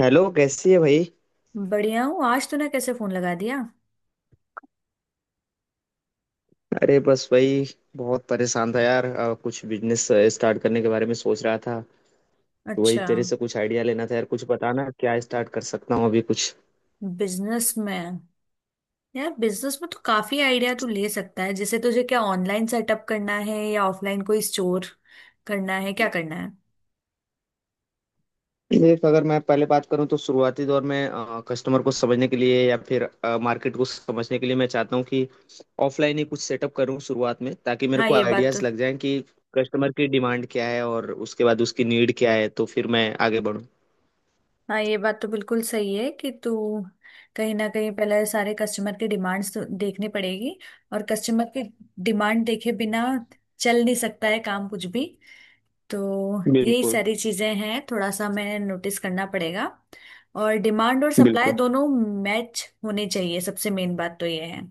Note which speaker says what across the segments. Speaker 1: Hello, कैसी है भाई?
Speaker 2: बढ़िया हूँ। आज तूने कैसे फोन लगा दिया?
Speaker 1: अरे बस वही, बहुत परेशान था यार, कुछ बिजनेस स्टार्ट करने के बारे में सोच रहा था। तो वही
Speaker 2: अच्छा।
Speaker 1: तेरे से कुछ आइडिया लेना था यार, कुछ बताना क्या स्टार्ट कर सकता हूँ अभी कुछ।
Speaker 2: बिजनेस में। यार बिजनेस में तो काफी आइडिया तू ले सकता है, जैसे तुझे क्या ऑनलाइन सेटअप करना है या ऑफलाइन कोई स्टोर करना है, क्या करना है?
Speaker 1: देख, अगर मैं पहले बात करूँ तो शुरुआती दौर में कस्टमर को समझने के लिए या फिर मार्केट को समझने के लिए मैं चाहता हूँ कि ऑफलाइन ही कुछ सेटअप करूँ शुरुआत में, ताकि मेरे
Speaker 2: हाँ,
Speaker 1: को
Speaker 2: ये बात तो।
Speaker 1: आइडियाज लग जाएं कि कस्टमर की डिमांड क्या है और उसके बाद उसकी नीड क्या है, तो फिर मैं आगे बढ़ूँ।
Speaker 2: हाँ, ये बात तो बिल्कुल सही है कि तू कहीं ना कहीं पहले सारे कस्टमर के डिमांड्स तो देखनी पड़ेगी। और कस्टमर के डिमांड देखे बिना चल नहीं सकता है काम कुछ भी। तो यही
Speaker 1: बिल्कुल।
Speaker 2: सारी चीजें हैं, थोड़ा सा मैं नोटिस करना पड़ेगा। और डिमांड और सप्लाई
Speaker 1: बिल्कुल।
Speaker 2: दोनों मैच होने चाहिए, सबसे मेन बात तो ये है।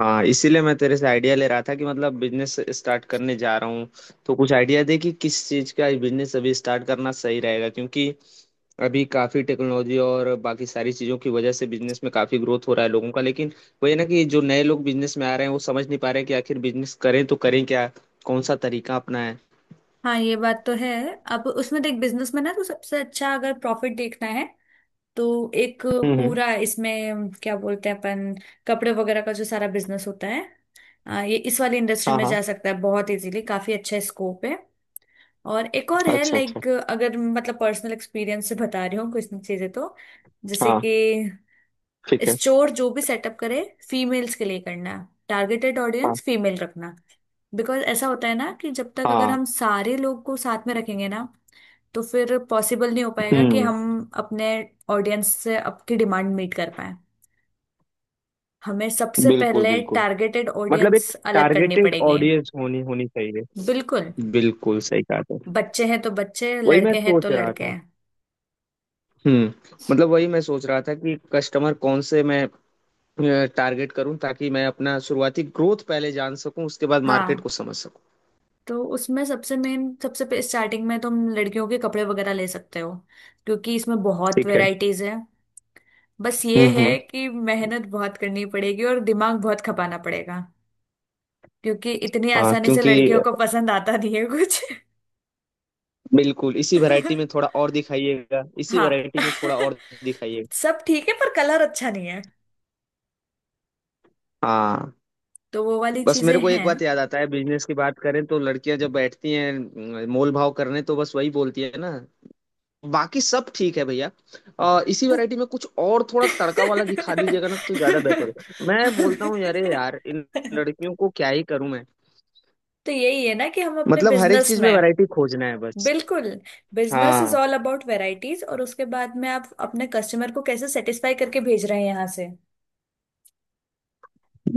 Speaker 1: हाँ, इसीलिए मैं तेरे से आइडिया ले रहा था कि मतलब बिजनेस स्टार्ट करने जा रहा हूँ, तो कुछ आइडिया दे कि किस चीज़ का बिजनेस अभी स्टार्ट करना सही रहेगा, क्योंकि अभी काफ़ी टेक्नोलॉजी और बाकी सारी चीज़ों की वजह से बिजनेस में काफ़ी ग्रोथ हो रहा है लोगों का, लेकिन वही है ना कि जो नए लोग बिजनेस में आ रहे हैं वो समझ नहीं पा रहे कि आखिर बिजनेस करें तो करें क्या, कौन सा तरीका अपनाएं।
Speaker 2: हाँ, ये बात तो है। अब उसमें देख, बिजनेस में ना तो सबसे अच्छा अगर प्रॉफिट देखना है तो एक
Speaker 1: हम्म।
Speaker 2: पूरा, इसमें क्या बोलते हैं अपन, कपड़े वगैरह का जो सारा बिजनेस होता है। ये इस वाली इंडस्ट्री
Speaker 1: हाँ
Speaker 2: में जा
Speaker 1: हाँ।
Speaker 2: सकता है बहुत इजीली, काफी अच्छा स्कोप है। और एक और
Speaker 1: अच्छा
Speaker 2: है,
Speaker 1: अच्छा।
Speaker 2: लाइक अगर मतलब पर्सनल एक्सपीरियंस से बता रही हूँ कुछ चीजें तो, जैसे कि
Speaker 1: हाँ। ठीक है।
Speaker 2: स्टोर जो भी सेटअप करे, फीमेल्स के लिए करना है, टारगेटेड
Speaker 1: हाँ
Speaker 2: ऑडियंस फीमेल रखना। बिकॉज ऐसा होता है ना कि जब तक अगर
Speaker 1: हाँ।
Speaker 2: हम सारे लोग को साथ में रखेंगे ना, तो फिर पॉसिबल नहीं हो पाएगा कि
Speaker 1: हम्म।
Speaker 2: हम अपने ऑडियंस से आपकी डिमांड मीट कर पाए। हमें सबसे
Speaker 1: बिल्कुल
Speaker 2: पहले
Speaker 1: बिल्कुल।
Speaker 2: टारगेटेड
Speaker 1: मतलब एक
Speaker 2: ऑडियंस अलग करनी
Speaker 1: टारगेटेड
Speaker 2: पड़ेगी।
Speaker 1: ऑडियंस होनी होनी चाहिए।
Speaker 2: बिल्कुल।
Speaker 1: बिल्कुल सही कहा।
Speaker 2: बच्चे हैं तो बच्चे,
Speaker 1: वही मैं
Speaker 2: लड़के हैं तो
Speaker 1: सोच रहा
Speaker 2: लड़के
Speaker 1: था।
Speaker 2: हैं।
Speaker 1: हम्म मतलब वही मैं सोच रहा था कि कस्टमर कौन से मैं टारगेट करूं ताकि मैं अपना शुरुआती ग्रोथ पहले जान सकूं, उसके बाद मार्केट
Speaker 2: हाँ,
Speaker 1: को समझ सकूं।
Speaker 2: तो उसमें सबसे मेन, सबसे स्टार्टिंग में तुम लड़कियों के कपड़े वगैरह ले सकते हो, क्योंकि इसमें बहुत
Speaker 1: ठीक है।
Speaker 2: वेराइटीज है। बस ये है
Speaker 1: हम्म।
Speaker 2: कि मेहनत बहुत करनी पड़ेगी और दिमाग बहुत खपाना पड़ेगा, क्योंकि इतनी
Speaker 1: हाँ,
Speaker 2: आसानी से
Speaker 1: क्योंकि
Speaker 2: लड़कियों को पसंद आता नहीं है कुछ।
Speaker 1: बिल्कुल इसी वैरायटी में थोड़ा और दिखाइएगा, इसी
Speaker 2: हाँ।
Speaker 1: वैरायटी में थोड़ा और दिखाइएगा।
Speaker 2: सब ठीक है पर कलर अच्छा नहीं है,
Speaker 1: हाँ।
Speaker 2: तो वो वाली
Speaker 1: बस
Speaker 2: चीजें
Speaker 1: मेरे को एक
Speaker 2: हैं।
Speaker 1: बात याद आता है, बिजनेस की बात करें तो लड़कियां जब बैठती हैं मोल भाव करने तो बस वही बोलती है ना, बाकी सब ठीक है भैया, इसी वैरायटी में कुछ और थोड़ा तड़का वाला दिखा दीजिएगा ना तो ज्यादा बेहतर होगा। मैं बोलता हूँ अरे यार, इन लड़कियों को क्या ही करूं मैं।
Speaker 2: तो यही है ना कि हम अपने
Speaker 1: मतलब हर एक
Speaker 2: बिजनेस
Speaker 1: चीज में
Speaker 2: में।
Speaker 1: वैरायटी खोजना है बस।
Speaker 2: बिल्कुल। बिजनेस इज
Speaker 1: हाँ।
Speaker 2: ऑल अबाउट वेराइटीज, और उसके बाद में आप अपने कस्टमर को कैसे सेटिस्फाई करके भेज रहे हैं यहाँ से।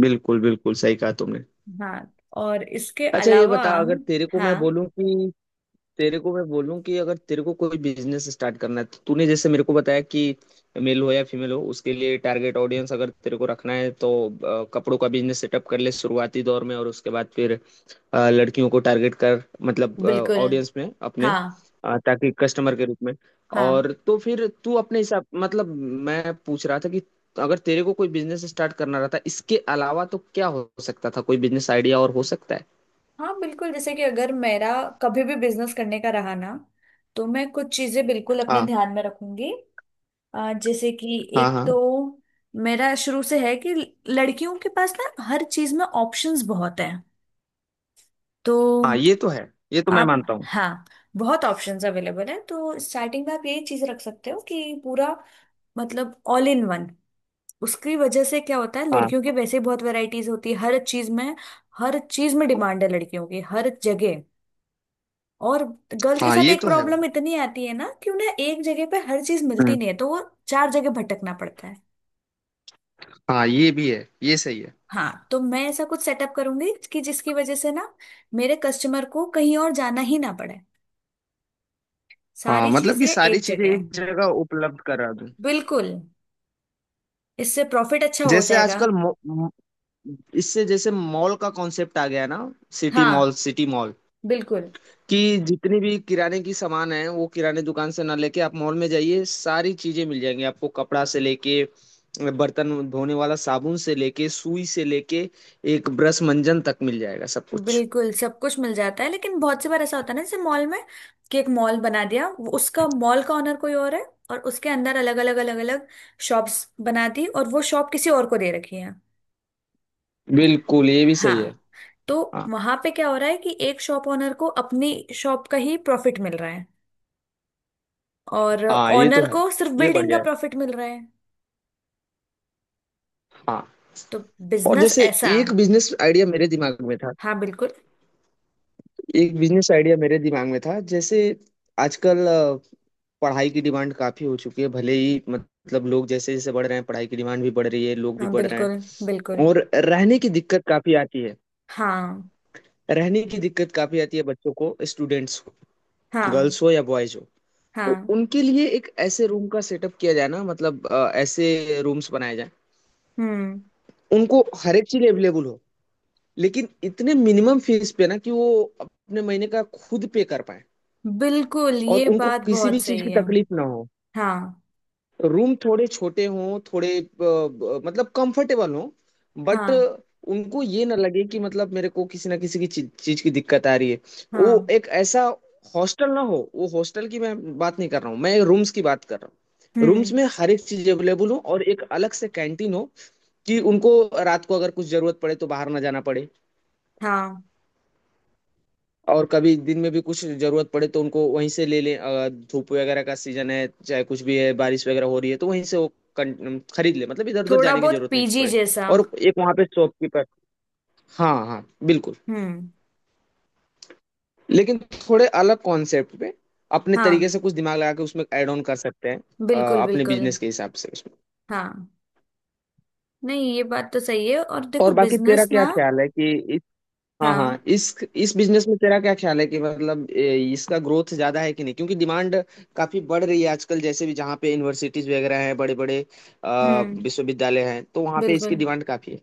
Speaker 1: बिल्कुल बिल्कुल सही कहा तुमने।
Speaker 2: हाँ, और इसके
Speaker 1: अच्छा ये
Speaker 2: अलावा,
Speaker 1: बता, अगर
Speaker 2: हाँ
Speaker 1: तेरे को मैं बोलूं कि अगर तेरे को कोई बिजनेस स्टार्ट करना है तो तूने जैसे मेरे को बताया कि मेल हो या फीमेल हो, उसके लिए टारगेट ऑडियंस अगर तेरे को रखना है तो कपड़ों का बिजनेस सेटअप कर ले शुरुआती दौर में, और उसके बाद फिर लड़कियों को टारगेट कर, मतलब
Speaker 2: बिल्कुल।
Speaker 1: ऑडियंस में अपने,
Speaker 2: हाँ
Speaker 1: ताकि कस्टमर के रूप में।
Speaker 2: हाँ।
Speaker 1: और तो फिर तू अपने हिसाब, मतलब मैं पूछ रहा था कि अगर तेरे को कोई बिजनेस स्टार्ट करना रहता इसके अलावा तो क्या हो सकता था, कोई बिजनेस आइडिया और हो सकता है।
Speaker 2: हाँ बिल्कुल, जैसे कि अगर मेरा कभी भी बिजनेस करने का रहा ना, तो मैं कुछ चीजें बिल्कुल अपने
Speaker 1: हाँ
Speaker 2: ध्यान में रखूंगी। जैसे कि
Speaker 1: हाँ।
Speaker 2: एक
Speaker 1: हाँ
Speaker 2: तो मेरा शुरू से है कि लड़कियों के पास ना हर चीज में ऑप्शंस बहुत हैं, तो
Speaker 1: हाँ, ये तो है, ये तो मैं
Speaker 2: आप
Speaker 1: मानता हूँ।
Speaker 2: हाँ, बहुत ऑप्शंस अवेलेबल हैं, तो स्टार्टिंग में आप यही चीज रख सकते हो कि पूरा, मतलब ऑल इन वन। उसकी वजह से क्या होता है,
Speaker 1: हाँ
Speaker 2: लड़कियों की वैसे ही बहुत वैरायटीज होती है हर चीज में। हर चीज में डिमांड है लड़कियों की हर जगह। और गर्ल्स के
Speaker 1: हाँ,
Speaker 2: साथ
Speaker 1: ये
Speaker 2: एक
Speaker 1: तो है
Speaker 2: प्रॉब्लम
Speaker 1: भाई।
Speaker 2: इतनी आती है ना कि उन्हें एक जगह पे हर चीज
Speaker 1: हम्म।
Speaker 2: मिलती नहीं है, तो वो चार जगह भटकना पड़ता है।
Speaker 1: हाँ, ये भी है, ये सही है।
Speaker 2: हाँ, तो मैं ऐसा कुछ सेटअप करूंगी कि जिसकी वजह से ना मेरे कस्टमर को कहीं और जाना ही ना पड़े,
Speaker 1: हाँ,
Speaker 2: सारी
Speaker 1: मतलब
Speaker 2: चीजें
Speaker 1: कि सारी
Speaker 2: एक
Speaker 1: चीजें
Speaker 2: जगह है।
Speaker 1: एक जगह उपलब्ध करा दूं।
Speaker 2: बिल्कुल, इससे प्रॉफिट अच्छा हो
Speaker 1: जैसे
Speaker 2: जाएगा।
Speaker 1: आजकल, इससे जैसे मॉल का कॉन्सेप्ट आ गया ना, सिटी मॉल,
Speaker 2: हाँ
Speaker 1: सिटी मॉल
Speaker 2: बिल्कुल।
Speaker 1: कि जितनी भी किराने की सामान है वो किराने दुकान से ना लेके आप मॉल में जाइए, सारी चीजें मिल जाएंगी आपको, कपड़ा से लेके बर्तन धोने वाला साबुन से लेके सुई से लेके एक ब्रश मंजन तक मिल जाएगा सब कुछ।
Speaker 2: बिल्कुल सब कुछ मिल जाता है, लेकिन बहुत सी बार ऐसा होता है ना जैसे मॉल में कि एक मॉल बना दिया, उसका मॉल का ओनर कोई और है, और उसके अंदर अलग अलग शॉप्स बना दी, और वो शॉप किसी और को दे रखी है।
Speaker 1: बिल्कुल, ये भी सही
Speaker 2: हाँ,
Speaker 1: है।
Speaker 2: तो
Speaker 1: हाँ
Speaker 2: वहां पे क्या हो रहा है कि एक शॉप ओनर को अपनी शॉप का ही प्रॉफिट मिल रहा है, और
Speaker 1: हाँ, ये तो
Speaker 2: ओनर
Speaker 1: है।
Speaker 2: को सिर्फ
Speaker 1: ये
Speaker 2: बिल्डिंग का
Speaker 1: बढ़िया है।
Speaker 2: प्रॉफिट मिल रहा है।
Speaker 1: हाँ।
Speaker 2: तो
Speaker 1: और
Speaker 2: बिजनेस
Speaker 1: जैसे,
Speaker 2: ऐसा।
Speaker 1: एक बिजनेस आइडिया मेरे दिमाग में था
Speaker 2: हाँ बिल्कुल।
Speaker 1: एक बिजनेस आइडिया मेरे दिमाग में था, जैसे आजकल पढ़ाई की डिमांड काफी हो चुकी है, भले ही मतलब लोग जैसे जैसे बढ़ रहे हैं पढ़ाई की डिमांड भी बढ़ रही है, लोग भी
Speaker 2: हाँ
Speaker 1: बढ़ रहे हैं।
Speaker 2: बिल्कुल बिल्कुल।
Speaker 1: और रहने की दिक्कत काफी आती है
Speaker 2: हाँ
Speaker 1: रहने की दिक्कत काफी आती है बच्चों को, स्टूडेंट्स को,
Speaker 2: हाँ
Speaker 1: गर्ल्स हो या बॉयज हो। तो
Speaker 2: हाँ।
Speaker 1: उनके लिए एक ऐसे रूम का सेटअप किया जाए ना, मतलब ऐसे रूम्स बनाए जाए,
Speaker 2: हम्म।
Speaker 1: उनको हर एक चीज अवेलेबल हो, लेकिन इतने मिनिमम फीस पे ना कि वो अपने महीने का खुद पे कर पाए,
Speaker 2: बिल्कुल
Speaker 1: और
Speaker 2: ये
Speaker 1: उनको
Speaker 2: बात
Speaker 1: किसी भी
Speaker 2: बहुत
Speaker 1: चीज
Speaker 2: सही
Speaker 1: की
Speaker 2: है।
Speaker 1: तकलीफ ना हो।
Speaker 2: हाँ
Speaker 1: रूम थोड़े छोटे हों, थोड़े मतलब कंफर्टेबल हों, बट
Speaker 2: हाँ
Speaker 1: उनको ये ना लगे कि मतलब मेरे को किसी ना किसी की चीज की दिक्कत आ रही है। वो
Speaker 2: हाँ।
Speaker 1: एक ऐसा हॉस्टल ना हो, वो हॉस्टल की मैं बात नहीं कर रहा हूँ, मैं रूम्स की बात कर रहा हूँ। रूम्स
Speaker 2: हम्म।
Speaker 1: में हर एक चीज अवेलेबल हो और एक अलग से कैंटीन हो कि उनको रात को अगर कुछ जरूरत पड़े तो बाहर ना जाना पड़े,
Speaker 2: हाँ,
Speaker 1: और कभी दिन में भी कुछ जरूरत पड़े तो उनको वहीं से ले लें, अगर धूप वगैरह का सीजन है चाहे कुछ भी है, बारिश वगैरह हो रही है तो वहीं से वो खरीद ले, मतलब इधर उधर
Speaker 2: थोड़ा
Speaker 1: जाने की
Speaker 2: बहुत
Speaker 1: जरूरत नहीं
Speaker 2: पीजी
Speaker 1: पड़े,
Speaker 2: जैसा।
Speaker 1: और एक वहां पे शॉपकीपर। हाँ हाँ। बिल्कुल।
Speaker 2: हम्म।
Speaker 1: लेकिन थोड़े अलग कॉन्सेप्ट पे अपने तरीके
Speaker 2: हाँ
Speaker 1: से कुछ दिमाग लगा के उसमें ऐड ऑन कर सकते हैं,
Speaker 2: बिल्कुल
Speaker 1: अपने
Speaker 2: बिल्कुल।
Speaker 1: बिजनेस के हिसाब से उसमें।
Speaker 2: हाँ, नहीं ये बात तो सही है, और देखो
Speaker 1: और बाकी तेरा
Speaker 2: बिजनेस ना,
Speaker 1: क्या ख्याल है कि, हाँ
Speaker 2: हाँ
Speaker 1: हाँ, इस बिजनेस में तेरा क्या ख्याल है कि मतलब इसका ग्रोथ ज्यादा है कि नहीं, क्योंकि डिमांड काफी बढ़ रही है आजकल, जैसे भी जहाँ पे यूनिवर्सिटीज वगैरह हैं बड़े बड़े
Speaker 2: हम्म
Speaker 1: विश्वविद्यालय हैं तो वहाँ पे इसकी
Speaker 2: बिल्कुल।
Speaker 1: डिमांड काफी है।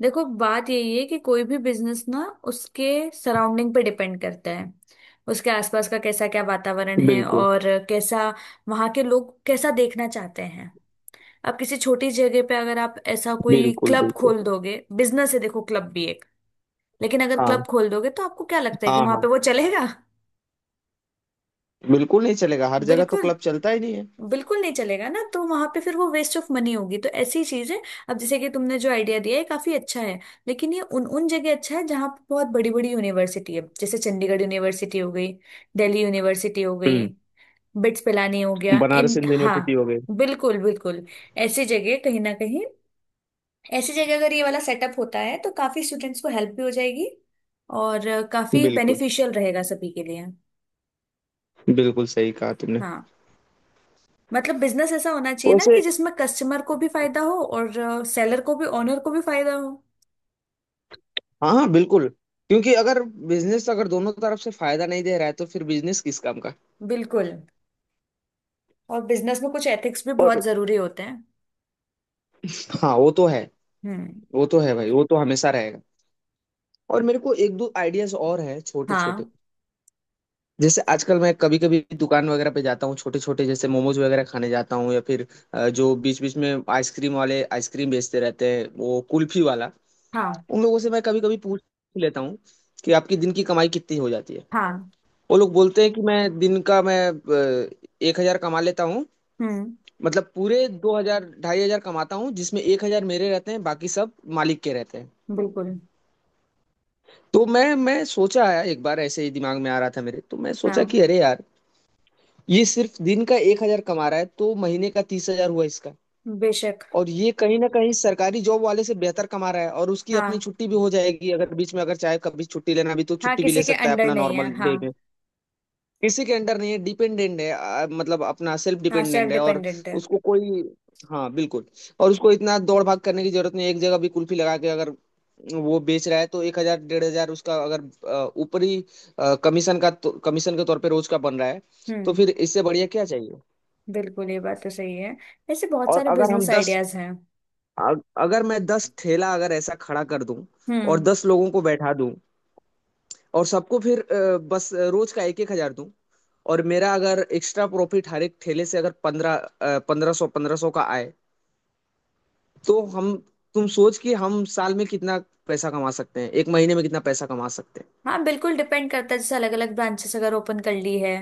Speaker 2: देखो बात यही है कि कोई भी बिजनेस ना उसके सराउंडिंग पे डिपेंड करता है, उसके आसपास का कैसा क्या वातावरण है,
Speaker 1: बिल्कुल
Speaker 2: और कैसा वहाँ के लोग कैसा देखना चाहते हैं। आप किसी छोटी जगह पे अगर आप ऐसा कोई
Speaker 1: बिल्कुल।
Speaker 2: क्लब
Speaker 1: बिल्कुल।
Speaker 2: खोल दोगे, बिजनेस है देखो, क्लब भी एक, लेकिन अगर क्लब
Speaker 1: हाँ
Speaker 2: खोल दोगे तो आपको क्या लगता है कि
Speaker 1: हाँ।
Speaker 2: वहां पे
Speaker 1: हाँ,
Speaker 2: वो चलेगा?
Speaker 1: बिल्कुल नहीं चलेगा, हर जगह तो
Speaker 2: बिल्कुल,
Speaker 1: क्लब चलता ही नहीं है।
Speaker 2: बिल्कुल नहीं चलेगा ना, तो वहां पे फिर वो वेस्ट ऑफ मनी होगी, तो ऐसी चीज है। अब जैसे कि तुमने जो आइडिया दिया है काफी अच्छा है, लेकिन ये उन उन जगह अच्छा है जहाँ पे बहुत बड़ी बड़ी यूनिवर्सिटी है, जैसे चंडीगढ़ यूनिवर्सिटी हो गई, दिल्ली यूनिवर्सिटी हो गई,
Speaker 1: हम्म
Speaker 2: बिट्स पिलानी हो गया
Speaker 1: बनारस
Speaker 2: इन,
Speaker 1: हिंदू
Speaker 2: हाँ
Speaker 1: यूनिवर्सिटी हो गई।
Speaker 2: बिल्कुल बिल्कुल। ऐसी जगह कहीं ना कहीं, ऐसी जगह अगर ये वाला सेटअप होता है तो काफी स्टूडेंट्स को हेल्प भी हो जाएगी, और काफी
Speaker 1: बिल्कुल,
Speaker 2: बेनिफिशियल रहेगा सभी के लिए।
Speaker 1: बिल्कुल सही कहा तुमने।
Speaker 2: हाँ, मतलब बिजनेस ऐसा होना चाहिए ना
Speaker 1: वैसे,
Speaker 2: कि जिसमें कस्टमर को भी फायदा हो, और सेलर को भी, ओनर को भी फायदा हो।
Speaker 1: हाँ हाँ बिल्कुल, क्योंकि अगर बिजनेस अगर दोनों तरफ से फायदा नहीं दे रहा है तो फिर बिजनेस किस काम का।
Speaker 2: बिल्कुल। और बिजनेस में कुछ एथिक्स भी बहुत
Speaker 1: और
Speaker 2: जरूरी होते हैं।
Speaker 1: हाँ, वो तो है,
Speaker 2: हम्म।
Speaker 1: वो तो है भाई, वो तो हमेशा रहेगा। और मेरे को एक दो आइडियाज और हैं छोटे छोटे,
Speaker 2: हाँ
Speaker 1: जैसे आजकल मैं कभी कभी दुकान वगैरह पे जाता हूँ छोटे छोटे, जैसे मोमोज वगैरह खाने जाता हूँ या फिर जो बीच बीच में आइसक्रीम वाले आइसक्रीम बेचते रहते हैं, वो कुल्फी वाला।
Speaker 2: हाँ
Speaker 1: उन लोगों से मैं कभी कभी पूछ लेता हूँ कि आपकी दिन की कमाई कितनी हो जाती है।
Speaker 2: हाँ।
Speaker 1: वो लोग बोलते हैं कि मैं दिन का, मैं 1,000 कमा लेता हूँ,
Speaker 2: हम्म।
Speaker 1: मतलब पूरे 2,000 2,500 कमाता हूँ जिसमें 1,000 मेरे रहते हैं, बाकी सब मालिक के रहते हैं।
Speaker 2: बिल्कुल।
Speaker 1: तो मैं सोचा, आया एक बार ऐसे ही दिमाग में आ रहा था मेरे, तो मैं सोचा
Speaker 2: हाँ।
Speaker 1: कि अरे यार, ये सिर्फ दिन का 1,000 कमा रहा है तो महीने का 30,000 हुआ इसका।
Speaker 2: बेशक।
Speaker 1: और ये कहीं ना कहीं सरकारी जॉब वाले से बेहतर कमा रहा है, और उसकी अपनी
Speaker 2: हाँ
Speaker 1: छुट्टी भी हो जाएगी। अगर बीच में अगर चाहे कभी छुट्टी लेना भी तो
Speaker 2: हाँ,
Speaker 1: छुट्टी भी
Speaker 2: किसी
Speaker 1: ले
Speaker 2: के
Speaker 1: सकता है
Speaker 2: अंडर
Speaker 1: अपना
Speaker 2: नहीं
Speaker 1: नॉर्मल
Speaker 2: है,
Speaker 1: डे
Speaker 2: हाँ।
Speaker 1: में, किसी के अंडर नहीं है, डिपेंडेंट है, मतलब अपना सेल्फ
Speaker 2: हाँ, सेल्फ
Speaker 1: डिपेंडेंट है और
Speaker 2: डिपेंडेंट है।
Speaker 1: उसको कोई, हाँ बिल्कुल, और उसको इतना दौड़ भाग करने की जरूरत नहीं है। एक जगह भी कुल्फी लगा के अगर वो बेच रहा है तो 1,000 1,500 उसका अगर ऊपरी कमीशन का कमीशन के तौर पे रोज का बन रहा है, तो
Speaker 2: हम्म।
Speaker 1: फिर इससे बढ़िया क्या चाहिए।
Speaker 2: बिल्कुल ये बात तो सही है, ऐसे बहुत
Speaker 1: और
Speaker 2: सारे बिजनेस आइडियाज हैं।
Speaker 1: अगर मैं 10 ठेला अगर ऐसा खड़ा कर दूं और
Speaker 2: हम्म।
Speaker 1: 10 लोगों को बैठा दूं, और सबको फिर बस रोज का एक एक हजार दूं, और मेरा अगर एक्स्ट्रा प्रॉफिट हर एक ठेले से अगर पंद्रह 1,500 1,500 का आए, तो हम तुम सोच कि हम साल में कितना पैसा कमा सकते हैं, एक महीने में कितना पैसा कमा सकते हैं।
Speaker 2: हाँ बिल्कुल, डिपेंड करता है, जैसे अलग अलग ब्रांचेस अगर ओपन कर ली है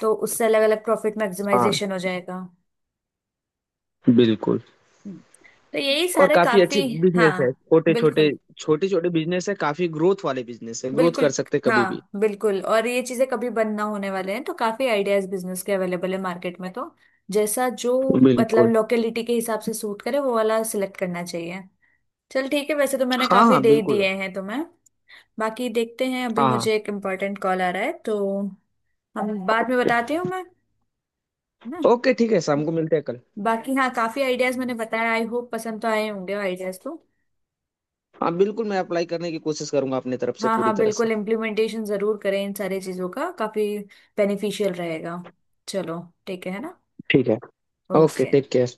Speaker 2: तो उससे अलग अलग प्रॉफिट
Speaker 1: हाँ,
Speaker 2: मैक्सिमाइजेशन हो जाएगा।
Speaker 1: बिल्कुल।
Speaker 2: तो यही
Speaker 1: और
Speaker 2: सारे
Speaker 1: काफी
Speaker 2: काफी,
Speaker 1: अच्छी
Speaker 2: हाँ
Speaker 1: बिजनेस है छोटे छोटे,
Speaker 2: बिल्कुल
Speaker 1: छोटे छोटे बिजनेस है, काफी ग्रोथ वाले बिजनेस है, ग्रोथ
Speaker 2: बिल्कुल।
Speaker 1: कर सकते हैं कभी भी।
Speaker 2: हाँ बिल्कुल, और ये चीजें कभी बंद ना होने वाले हैं, तो काफी आइडियाज बिजनेस के अवेलेबल है मार्केट में, तो जैसा जो, मतलब
Speaker 1: बिल्कुल।
Speaker 2: लोकेलिटी के हिसाब से सूट करे वो वाला सिलेक्ट करना चाहिए। चल ठीक है, वैसे तो मैंने
Speaker 1: हाँ
Speaker 2: काफी
Speaker 1: हाँ
Speaker 2: दे ही
Speaker 1: बिल्कुल।
Speaker 2: दिए हैं तुम्हें, बाकी देखते हैं। अभी
Speaker 1: हाँ हाँ।
Speaker 2: मुझे एक इम्पोर्टेंट कॉल आ रहा है तो हम बाद में बताती हूँ मैं, है ना?
Speaker 1: ओके ठीक है, शाम को मिलते हैं कल।
Speaker 2: बाकी हाँ, काफी आइडियाज मैंने बताया, आई होप पसंद तो आए होंगे आइडियाज तो।
Speaker 1: हाँ बिल्कुल, मैं अप्लाई करने की कोशिश करूंगा अपने तरफ से
Speaker 2: हाँ
Speaker 1: पूरी
Speaker 2: हाँ
Speaker 1: तरह से।
Speaker 2: बिल्कुल इम्प्लीमेंटेशन जरूर करें इन सारी चीजों का, काफी बेनिफिशियल रहेगा। चलो ठीक है ना?
Speaker 1: ठीक है। Okay,
Speaker 2: okay.
Speaker 1: Take care.